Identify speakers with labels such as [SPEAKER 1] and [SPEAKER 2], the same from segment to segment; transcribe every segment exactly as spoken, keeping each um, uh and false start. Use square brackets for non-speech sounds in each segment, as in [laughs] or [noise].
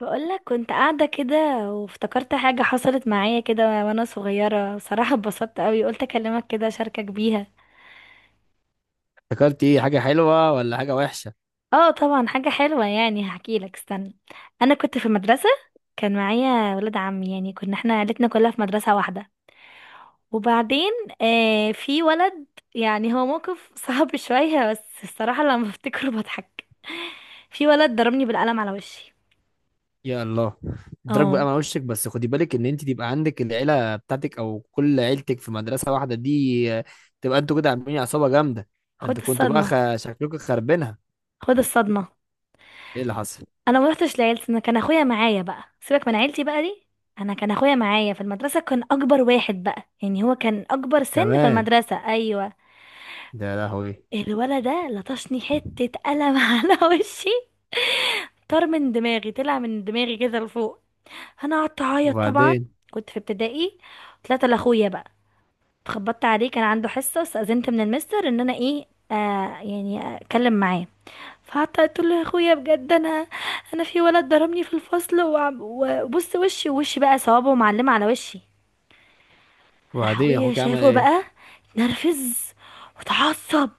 [SPEAKER 1] بقولك كنت قاعدة كده، وافتكرت حاجة حصلت معايا كده وانا صغيرة. صراحة اتبسطت قوي، قلت اكلمك كده اشاركك بيها.
[SPEAKER 2] افتكرت ايه، حاجه حلوه ولا حاجه وحشه؟
[SPEAKER 1] اه طبعا حاجة حلوة، يعني هحكيلك استنى. انا كنت في المدرسة، كان معايا ولد عمي. يعني كنا احنا عيلتنا كلها في مدرسة واحدة. وبعدين آه، في ولد، يعني هو موقف [laughs] صعب شوية، بس الصراحة لما بفتكره بضحك. في ولد ضربني بالقلم على وشي.
[SPEAKER 2] يا الله. ادراك بقى
[SPEAKER 1] اه،
[SPEAKER 2] مع وشك، بس خدي بالك ان انت تبقى عندك العيله بتاعتك او كل عيلتك في مدرسه واحده دي، آه، تبقى انتوا كده عاملين عصابه جامده. ده
[SPEAKER 1] خد
[SPEAKER 2] انتوا كنتوا بقى خ...
[SPEAKER 1] الصدمة.
[SPEAKER 2] شكلكم خربينها.
[SPEAKER 1] خد الصدمة.
[SPEAKER 2] ايه اللي حصل؟
[SPEAKER 1] انا ما رحتش لعيلتي، انا كان اخويا معايا بقى، سيبك من عيلتي بقى دي. انا كان اخويا معايا في المدرسه، كان اكبر واحد بقى، يعني هو كان اكبر سن في
[SPEAKER 2] كمان.
[SPEAKER 1] المدرسه. ايوه.
[SPEAKER 2] ده يا لهوي.
[SPEAKER 1] الولد ده لطشني حته قلم [laughs] على وشي. طار من دماغي، طلع من دماغي كده لفوق. انا قعدت اعيط طبعا.
[SPEAKER 2] وبعدين
[SPEAKER 1] كنت في ابتدائي. طلعت لاخويا بقى، اتخبطت عليه، كان عنده حصه. استاذنت من المستر ان انا ايه، آه، يعني اتكلم معاه. فقعدت قلت له يا اخويا بجد انا، انا في ولد ضربني في الفصل وعم- وبص وشي، وشي بقى صوابعه معلمه على وشي. راح
[SPEAKER 2] وبعدين
[SPEAKER 1] اخويا
[SPEAKER 2] اخوك عمل
[SPEAKER 1] شافه
[SPEAKER 2] ايه؟
[SPEAKER 1] بقى، اتنرفز وتعصب،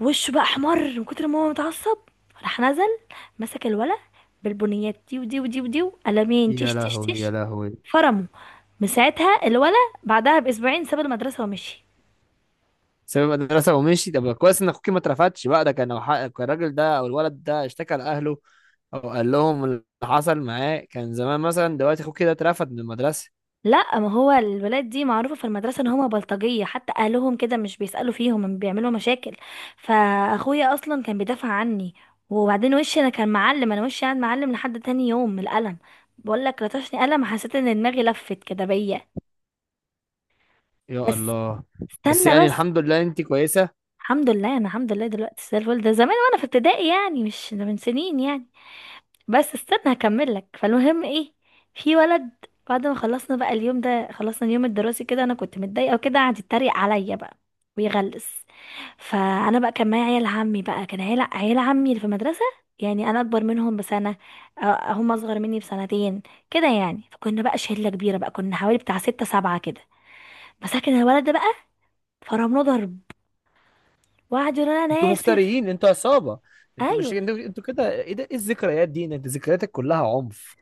[SPEAKER 1] وشه بقى احمر من كتر ما هو متعصب. راح نزل، مسك الولد بالبنيات دي ودي ودي ودي، قلمين،
[SPEAKER 2] يا
[SPEAKER 1] تش تش
[SPEAKER 2] لهوي، يا
[SPEAKER 1] تش،
[SPEAKER 2] لهوي.
[SPEAKER 1] فرمه. من ساعتها الولد بعدها باسبوعين ساب المدرسه ومشي.
[SPEAKER 2] ساب المدرسه ومشي؟ طب كويس ان اخوك ما اترفدش بقى. ده كان لو حق- كان الراجل ده او الولد ده اشتكى لاهله او قال لهم اللي حصل معاه، كان زمان مثلا دلوقتي اخوك كده اترفد من المدرسه.
[SPEAKER 1] لا، ما هو الولاد دي معروفة في المدرسة ان هما بلطجية، حتى اهلهم كده مش بيسألوا فيهم، هم بيعملوا مشاكل. فاخويا اصلا كان بيدافع عني. وبعدين وشي انا كان معلم، انا وشي قاعد معلم لحد تاني يوم من القلم. بقول لك لطشني قلم، حسيت ان دماغي لفت كده بيا.
[SPEAKER 2] يا
[SPEAKER 1] بس،
[SPEAKER 2] الله. بس
[SPEAKER 1] استنى
[SPEAKER 2] يعني
[SPEAKER 1] بس.
[SPEAKER 2] الحمد لله انت كويسه.
[SPEAKER 1] الحمد لله، انا الحمد لله دلوقتي زي الفل. ده زمان وانا في ابتدائي يعني، مش ده من سنين يعني. بس استنى هكمل لك. فالمهم ايه، في ولد، بعد ما خلصنا بقى اليوم ده، خلصنا اليوم الدراسي كده، انا كنت متضايقه وكده، قعد يتريق عليا بقى ويغلس. فانا بقى كان معايا عيال عمي بقى، كان عيال عيال عمي اللي في المدرسه. يعني انا اكبر منهم بسنه، أ- هم اصغر مني بسنتين كده يعني. فكنا بقى شله كبيره بقى، كنا حوالي بتاع ستة سبعة كده. مسكن الولد ده بقى، فرمناه ضرب، وقعد يقول انا
[SPEAKER 2] انتوا
[SPEAKER 1] اسف.
[SPEAKER 2] مفتريين، انتوا عصابه. انتوا مش،
[SPEAKER 1] ايوه.
[SPEAKER 2] انتوا انتوا كده. ايه ده؟ ايه الذكريات دي؟ انت ذكرياتك كلها عنف.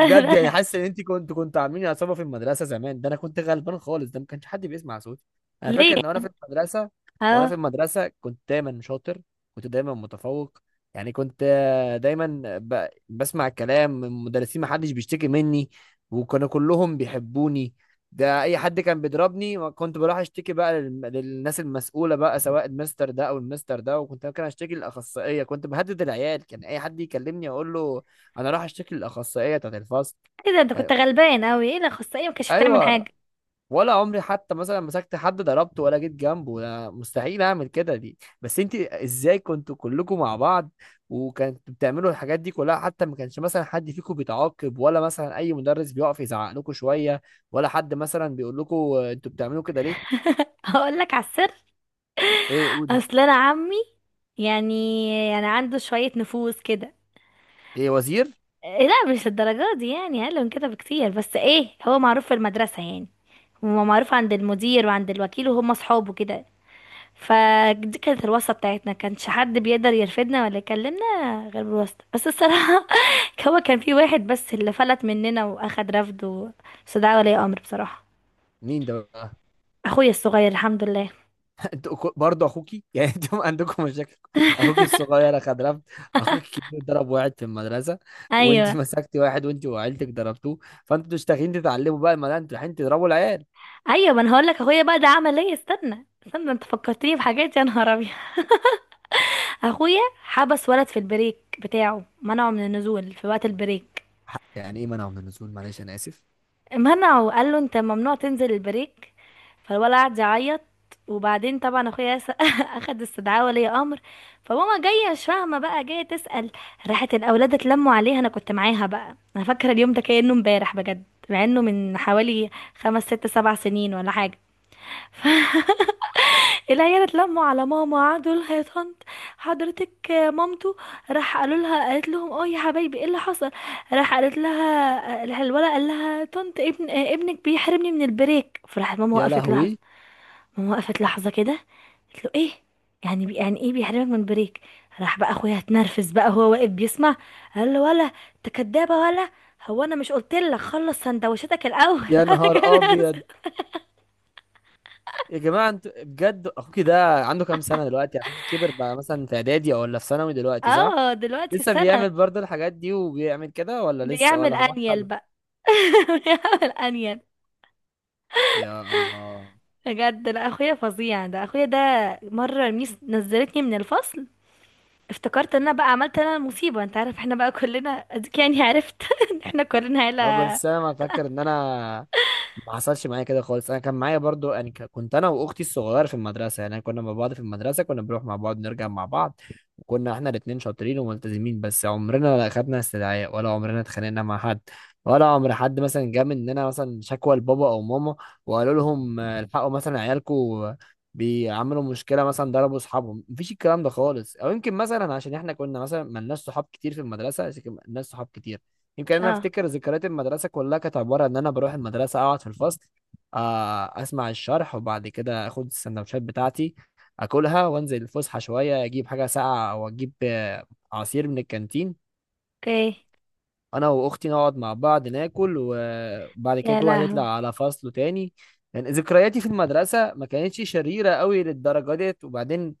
[SPEAKER 2] بجد، يعني
[SPEAKER 1] [laughs]
[SPEAKER 2] حاسس ان انت كنت كنت عاملين عصابه في المدرسه زمان. ده انا كنت غلبان خالص، ده ما كانش حد بيسمع صوتي. انا فاكر
[SPEAKER 1] ليه؟
[SPEAKER 2] ان وانا في المدرسه وانا في
[SPEAKER 1] اه،
[SPEAKER 2] المدرسه كنت دايما شاطر، كنت دايما متفوق. يعني كنت آه، دايما ب... بسمع الكلام من المدرسين، ما حدش بيشتكي مني، وكانوا كلهم بيحبوني. ده اي حد كان بيضربني ما كنت بروح اشتكي بقى للم- للناس المسؤوله بقى، سواء المستر ده او المستر ده، وكنت ممكن اشتكي للاخصائيه. كنت بهدد العيال، كان اي حد يكلمني اقول له انا راح اشتكي للاخصائيه بتاعت الفصل.
[SPEAKER 1] ايه ده؟ انت
[SPEAKER 2] يعني،
[SPEAKER 1] كنت غلبان قوي، ايه اللي خص؟ ايه، ما كانش بتعمل
[SPEAKER 2] ايوه.
[SPEAKER 1] حاجه؟
[SPEAKER 2] ولا عمري حتى مثلا مسكت حد ضربته، ولا جيت جنبه، ولا مستحيل اعمل كده دي. بس انت ازاي كنتوا كلكم مع بعض، وكنتوا بتعملوا الحاجات دي كلها؟ حتى ما كانش مثلا حد فيكم بيتعاقب، ولا مثلا اي مدرس بيقف يزعق لكم شويه، ولا حد مثلا بيقول لكم، آه، انتوا بتعملوا كده ليه؟
[SPEAKER 1] [laughs] هقول لك على السر.
[SPEAKER 2] ايه؟ قولي.
[SPEAKER 1] اصل انا عمي، يعني يعني عنده شويه نفوذ كده.
[SPEAKER 2] ايه، وزير؟
[SPEAKER 1] إيه؟ لا مش الدرجات دي، يعني اقل من كده بكتير، بس ايه، هو معروف في المدرسه يعني، هو معروف عند المدير وعند الوكيل وهم اصحابه كده. فدي كانت الواسطه بتاعتنا، كانش حد بيقدر يرفدنا ولا يكلمنا غير بالواسطه. بس الصراحه [laughs] هو كان في واحد بس اللي فلت مننا واخد رفض و- بس ده ولي امر بصراحه.
[SPEAKER 2] مين ده بقى؟
[SPEAKER 1] اخويا الصغير الحمد لله.
[SPEAKER 2] انتوا أكو- برضه اخوكي [laughs] يعني انتوا عندكم مشاكل. اخوكي الصغير اخد رفض، اخوك الكبير ضرب واحد في المدرسه، وانت [laughs]
[SPEAKER 1] ايوه.
[SPEAKER 2] مسكتي واحد وانت وعيلتك ضربتوه، فانتوا مش داخلين تتعلموا بقى، ما لا انتوا رايحين تضربوا العيال.
[SPEAKER 1] ايوه، ما انا هقول لك اخويا بقى ده عمل ايه، استنى استنى، انت فكرتني بحاجات، يا نهار ابيض. [laughs] اخويا حبس ولد في البريك بتاعه، منعه من النزول في وقت البريك.
[SPEAKER 2] حق- يعني ايه منعوا من النزول؟ معلش انا اسف.
[SPEAKER 1] منعه، قال له انت ممنوع تنزل البريك. فالولد قعد يعيط. وبعدين طبعا اخويا س- [laughs] اخد استدعاء ولي امر. فماما جايه مش فاهمه بقى، جايه تسال. راحت الاولاد اتلموا عليها، انا كنت معاها بقى، انا فاكره اليوم ده كانه امبارح بجد، مع انه من حوالي خمس ست سبع سنين ولا حاجه. [laughs] العيال اتلموا على ماما، قعدوا لها يا طنط، حضرتك مامته. راح قالوا لها، قالت لهم اه يا حبايبي ايه اللي حصل. راح قالت لها، راح الولد قال لها طنط ابن، آه، ابنك بيحرمني من البريك. فراحت ماما
[SPEAKER 2] يا
[SPEAKER 1] وقفت لحظه.
[SPEAKER 2] لهوي.
[SPEAKER 1] ماما وقفت لحظه كده، قالت له ايه؟ يعني بي، يعني ايه بيحرمك من البريك؟ راح بقى اخويا اتنرفز بقى، هو واقف بيسمع، قال له ولا، انت كدابه ولا؟ هو انا مش قلت لك خلص سندوتشاتك الاول؟
[SPEAKER 2] يا
[SPEAKER 1] [laughs] انا
[SPEAKER 2] نهار
[SPEAKER 1] كان
[SPEAKER 2] ابيض.
[SPEAKER 1] آسف.
[SPEAKER 2] يا جماعه انتوا بجد، اخوكي ده عنده كام سنه دلوقتي؟ اخوكي كبر بقى مثلا، في اعدادي او ولا في ثانوي دلوقتي، صح؟
[SPEAKER 1] اه دلوقتي في
[SPEAKER 2] لسه
[SPEAKER 1] سنه.
[SPEAKER 2] بيعمل برضه الحاجات دي وبيعمل كده، ولا لسه
[SPEAKER 1] بيعمل
[SPEAKER 2] ولا
[SPEAKER 1] انيل
[SPEAKER 2] بطل؟
[SPEAKER 1] بقى، [laughs] بيحاول انيل.
[SPEAKER 2] يا الله.
[SPEAKER 1] بجد، لا اخويا فظيع، ده اخويا ده. مره الميس نزلتني من الفصل، افتكرت ان انا بقى عملت انا المصيبه، انت عارف احنا بقى كلنا اديك يعني، عرفت [laughs] إن احنا كلنا
[SPEAKER 2] اه،
[SPEAKER 1] عيله.
[SPEAKER 2] بس انا ما فاكر ان انا ما حصلش معايا كده خالص. انا كان معايا برضو، يعني ك- كنت انا واختي الصغيره في المدرسه، يعني كنا مع بعض في المدرسه، كنا بنروح مع بعض، نرجع مع بعض. كنا احنا الاتنين شاطرين وملتزمين، بس عمرنا ما خدنا استدعاء، ولا عمرنا اتخانقنا مع حد، ولا عمر حد مثلا جه مننا مثلا شكوى لبابا او ماما، وقالوا لهم، آه، الحقوا مثلا عيالكم بيعملوا مشكله، مثلا ضربوا اصحابهم. مفيش الكلام ده خالص، او يمكن مثلا عشان احنا كنا مثلا ملناش صحاب كتير في المدرسه، بس كان ملناش صحاب كتير. يمكن انا
[SPEAKER 1] اه.
[SPEAKER 2] افتكر ذكريات المدرسه كلها كانت عباره ان انا بروح المدرسه، اقعد في الفصل، آه، اسمع الشرح، وبعد كده اخد السندوتشات بتاعتي اكلها، وانزل الفسحه شويه اجيب حاجه ساقعه او اجيب آه، عصير من الكانتين.
[SPEAKER 1] اوكي.
[SPEAKER 2] انا واختي نقعد مع بعض ناكل، وبعد كده
[SPEAKER 1] يا
[SPEAKER 2] كل واحد يطلع
[SPEAKER 1] لهوي.
[SPEAKER 2] على فصله تاني. يعني ذكرياتي في المدرسه ما كانتش شريره قوي للدرجه ديت. وبعدين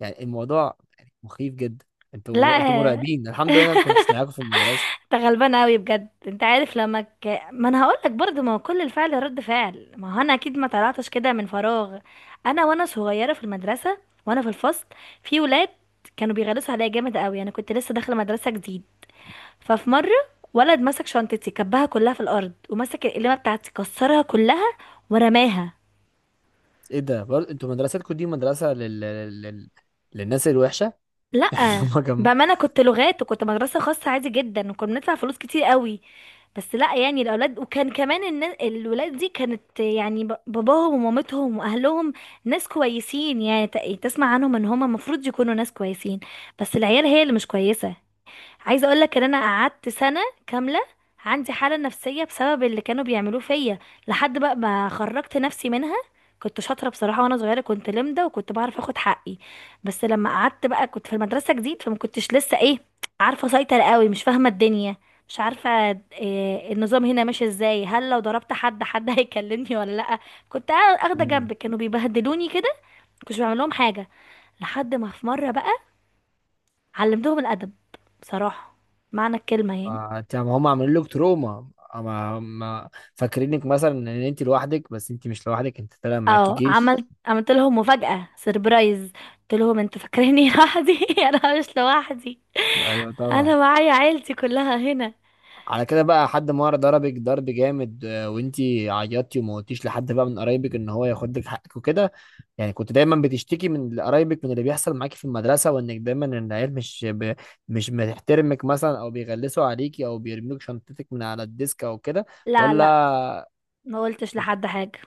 [SPEAKER 2] يعني الموضوع يعني مخيف جدا.
[SPEAKER 1] لا.
[SPEAKER 2] انتوا انتوا
[SPEAKER 1] [laughs]
[SPEAKER 2] مرعبين. الحمد لله انا ما كنتش معاكم في المدرسه.
[SPEAKER 1] انت غلبان قوي بجد. انت عارف، لما ك... ما انا هقول لك برضه، ما هو كل الفعل رد فعل، ما هو انا اكيد ما طلعتش كده من فراغ. انا وانا صغيره في المدرسه، وانا في الفصل، في ولاد كانوا بيغلسوا عليا جامد قوي، انا كنت لسه داخله مدرسه جديد. ففي مرة، ولد مسك شنطتي كبها كلها في الأرض، ومسك القلمة بتاعتي كسرها كلها ورماها.
[SPEAKER 2] ايه ده؟ برضه انتوا مدرستكم دي مدرسه لل... لل... لل... للناس الوحشه. [laughs]
[SPEAKER 1] لأ.
[SPEAKER 2] هم كم؟
[SPEAKER 1] بأمانة، كنت لغات وكنت مدرسة خاصة عادي جدا، وكنا بندفع فلوس كتير قوي. بس لأ، يعني الأولاد، وكان كمان النا- الولاد دي كانت يعني، ب- باباهم ومامتهم وأهلهم ناس كويسين، يعني ت- تسمع عنهم إن هما المفروض يكونوا ناس كويسين، بس العيال هي اللي مش كويسة. عايزه اقول لك ان انا قعدت سنه كامله عندي حاله نفسيه بسبب اللي كانوا بيعملوه فيا، لحد بقى ما خرجت نفسي منها. كنت شاطره بصراحه وانا صغيره، كنت لمده وكنت بعرف اخد حقي. بس لما قعدت بقى كنت في المدرسه جديد، فما كنتش لسه ايه، عارفه اسيطر قوي، مش فاهمه الدنيا، مش عارفه إيه النظام هنا ماشي ازاي، هل لو ضربت حد، حد [laughs] هيكلمني ولا لا. كنت اخده جنب، كانوا بيبهدلوني كده، كنتش بعمل لهم حاجه. لحد ما في مره بقى علمتهم الادب بصراحه، معنى الكلمه يعني.
[SPEAKER 2] ما انت- ما هم عاملين لك تروما. ما ما فاكرينك مثلا ان انت لوحدك، بس انت مش لوحدك، انت طالع معاكي
[SPEAKER 1] اه، عملت
[SPEAKER 2] جيش.
[SPEAKER 1] عملت لهم مفاجأة، سيربرايز. قلت لهم انتوا فاكريني لوحدي؟ [laughs] انا مش لوحدي،
[SPEAKER 2] ايوه طبعا.
[SPEAKER 1] انا معايا عيلتي كلها هنا.
[SPEAKER 2] على كده بقى، حد مره ضربك ضرب جامد، آه، وانت عيطتي وما قلتيش لحد بقى من قرايبك ان هو ياخد لك حقك وكده؟ يعني كنت دايما بتشتكي من قرايبك من اللي بيحصل معاكي في المدرسه، وانك دايما إن العيال مش ب... مش بتحترمك مثلا، او بيغلسوا عليكي، او بيرموك شنطتك من على الديسك او كده؟
[SPEAKER 1] لا لا،
[SPEAKER 2] ولا؟
[SPEAKER 1] ما قلتش لحد حاجة.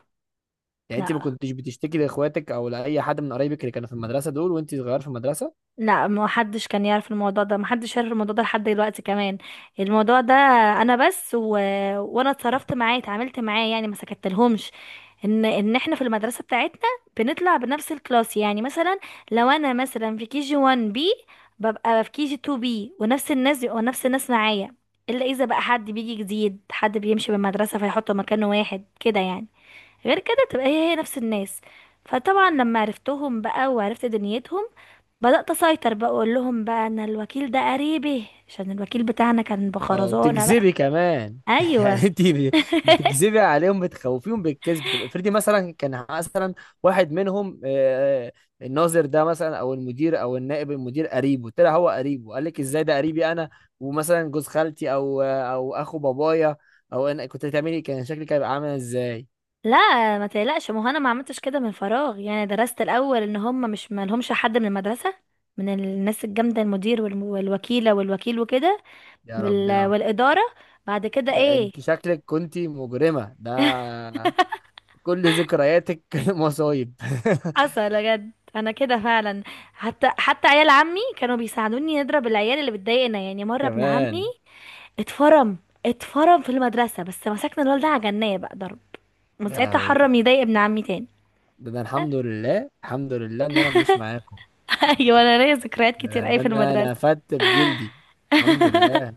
[SPEAKER 2] يعني انت ما
[SPEAKER 1] لا
[SPEAKER 2] كنتش بتشتكي لاخواتك او لاي حد من قرايبك اللي كانوا في المدرسه دول وانت صغير في المدرسه؟
[SPEAKER 1] لا، ما حدش كان يعرف الموضوع ده، ما حدش يعرف الموضوع ده لحد دلوقتي كمان. الموضوع ده انا بس و... وانا اتصرفت معاه، اتعاملت معاه، يعني ما سكتلهمش. ان ان احنا في المدرسه بتاعتنا بنطلع بنفس الكلاس يعني. مثلا لو انا مثلا في كي جي واحد بي، ببقى في كي جي اتنين بي، ونفس الناس بيبقوا نفس الناس معايا، الا اذا بقى حد بيجي جديد، حد بيمشي بالمدرسه فيحطه مكانه واحد كده يعني. غير كده تبقى هي هي نفس الناس. فطبعا لما عرفتهم بقى وعرفت دنيتهم، بدأت أسيطر بقى، أقول لهم بقى أن الوكيل ده قريبي، عشان الوكيل بتاعنا كان
[SPEAKER 2] او
[SPEAKER 1] بخرزونة بقى.
[SPEAKER 2] بتكذبي كمان؟ [laughs]
[SPEAKER 1] أيوة.
[SPEAKER 2] يعني انت ب- بتكذبي عليهم، بتخوفيهم بالكذب. طب افرضي مثلا كان مثلا واحد منهم، آه، آه، الناظر ده مثلا او المدير او النائب المدير قريبه، طلع هو قريبه، قال لك ازاي ده قريبي انا، ومثلا جوز خالتي او آه، او اخو بابايا، او انا كنت هتعملي إيه؟ كان شكلك هيبقى عامل ازاي؟
[SPEAKER 1] لا ما تقلقش، ما هو أنا ما عملتش كده من فراغ، يعني درست الأول إن هم مش، ما لهمش حد من المدرسة، من الناس الجامدة، المدير والم- والوكيلة والوكيل وكده،
[SPEAKER 2] يا
[SPEAKER 1] وال...
[SPEAKER 2] ربنا.
[SPEAKER 1] والإدارة. بعد كده
[SPEAKER 2] ده
[SPEAKER 1] إيه،
[SPEAKER 2] انت شكلك كنت مجرمه، ده كل ذكرياتك [laughs] مصايب. [laughs]
[SPEAKER 1] حصل بجد أنا كده فعلا. حتى حتى عيال عمي كانوا بيساعدوني نضرب العيال اللي بتضايقنا. يعني مرة ابن عمي
[SPEAKER 2] كمان.
[SPEAKER 1] اتفرم، اتفرم في المدرسة، بس مسكنا الولد ده عجناه بقى ضرب، من
[SPEAKER 2] يا
[SPEAKER 1] ساعتها
[SPEAKER 2] لهوي. ده
[SPEAKER 1] حرم يضايق ابن عمي تاني.
[SPEAKER 2] ده أنا الحمد لله، الحمد لله ان انا مش معاكم.
[SPEAKER 1] [laughs] ايوه انا ليا ذكريات
[SPEAKER 2] ده
[SPEAKER 1] كتير اي
[SPEAKER 2] ده
[SPEAKER 1] في
[SPEAKER 2] انا
[SPEAKER 1] المدرسة.
[SPEAKER 2] انا فدت بجلدي، الحمد لله.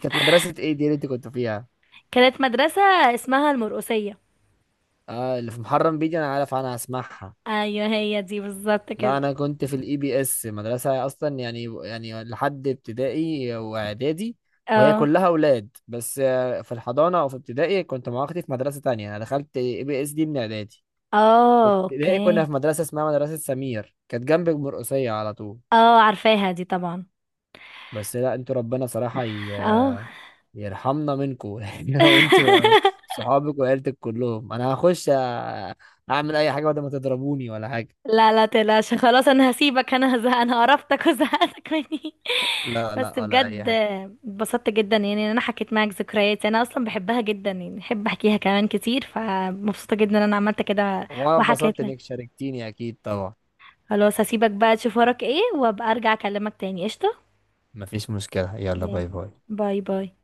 [SPEAKER 2] كانت مدرسة ايه دي اللي انت كنت فيها؟
[SPEAKER 1] كانت مدرسة اسمها المرقسية.
[SPEAKER 2] اه، اللي في محرم بيجي، انا عارف، انا هسمعها.
[SPEAKER 1] ايوه هي دي بالظبط
[SPEAKER 2] لا،
[SPEAKER 1] كده.
[SPEAKER 2] انا كنت في الاي بي اس مدرسة اصلا، يعني يعني لحد ابتدائي واعدادي. وهي
[SPEAKER 1] اه.
[SPEAKER 2] كلها اولاد بس، آه، في الحضانة او في ابتدائي كنت مع اختي في مدرسة تانية، انا دخلت اي بي اس دي من اعدادي.
[SPEAKER 1] اه
[SPEAKER 2] ابتدائي كنا
[SPEAKER 1] اوكي.
[SPEAKER 2] في مدرسة اسمها مدرسة سمير، كانت جنب المرقصية على طول.
[SPEAKER 1] اه عارفاها دي طبعا.
[SPEAKER 2] بس لا انتوا، ربنا صراحة
[SPEAKER 1] اه.
[SPEAKER 2] ي- يرحمنا منكم، [laughs] يعني. وانتوا
[SPEAKER 1] [laughs]
[SPEAKER 2] صحابك وعيلتك كلهم، انا هخش أ- اعمل اي حاجة بدل ما تضربوني ولا حاجة.
[SPEAKER 1] لا لا تقلقش، خلاص انا هسيبك، انا هزهق، انا قرفتك وزهقتك مني.
[SPEAKER 2] لا
[SPEAKER 1] بس
[SPEAKER 2] لا، ولا اي
[SPEAKER 1] بجد،
[SPEAKER 2] حاجة.
[SPEAKER 1] اتبسطت جدا يعني ان انا حكيت معاك ذكرياتي، انا اصلا بحبها جدا، يعني بحب احكيها كمان كتير، فمبسوطه جدا ان انا عملت كده
[SPEAKER 2] وانا اتبسطت
[SPEAKER 1] وحكيت لك.
[SPEAKER 2] انك شاركتيني، اكيد طبعا.
[SPEAKER 1] خلاص هسيبك بقى تشوف وراك ايه، وابقى ارجع اكلمك تاني. قشطه.
[SPEAKER 2] مفيش مشكلة، يلا،
[SPEAKER 1] Yeah.
[SPEAKER 2] باي باي.
[SPEAKER 1] باي باي.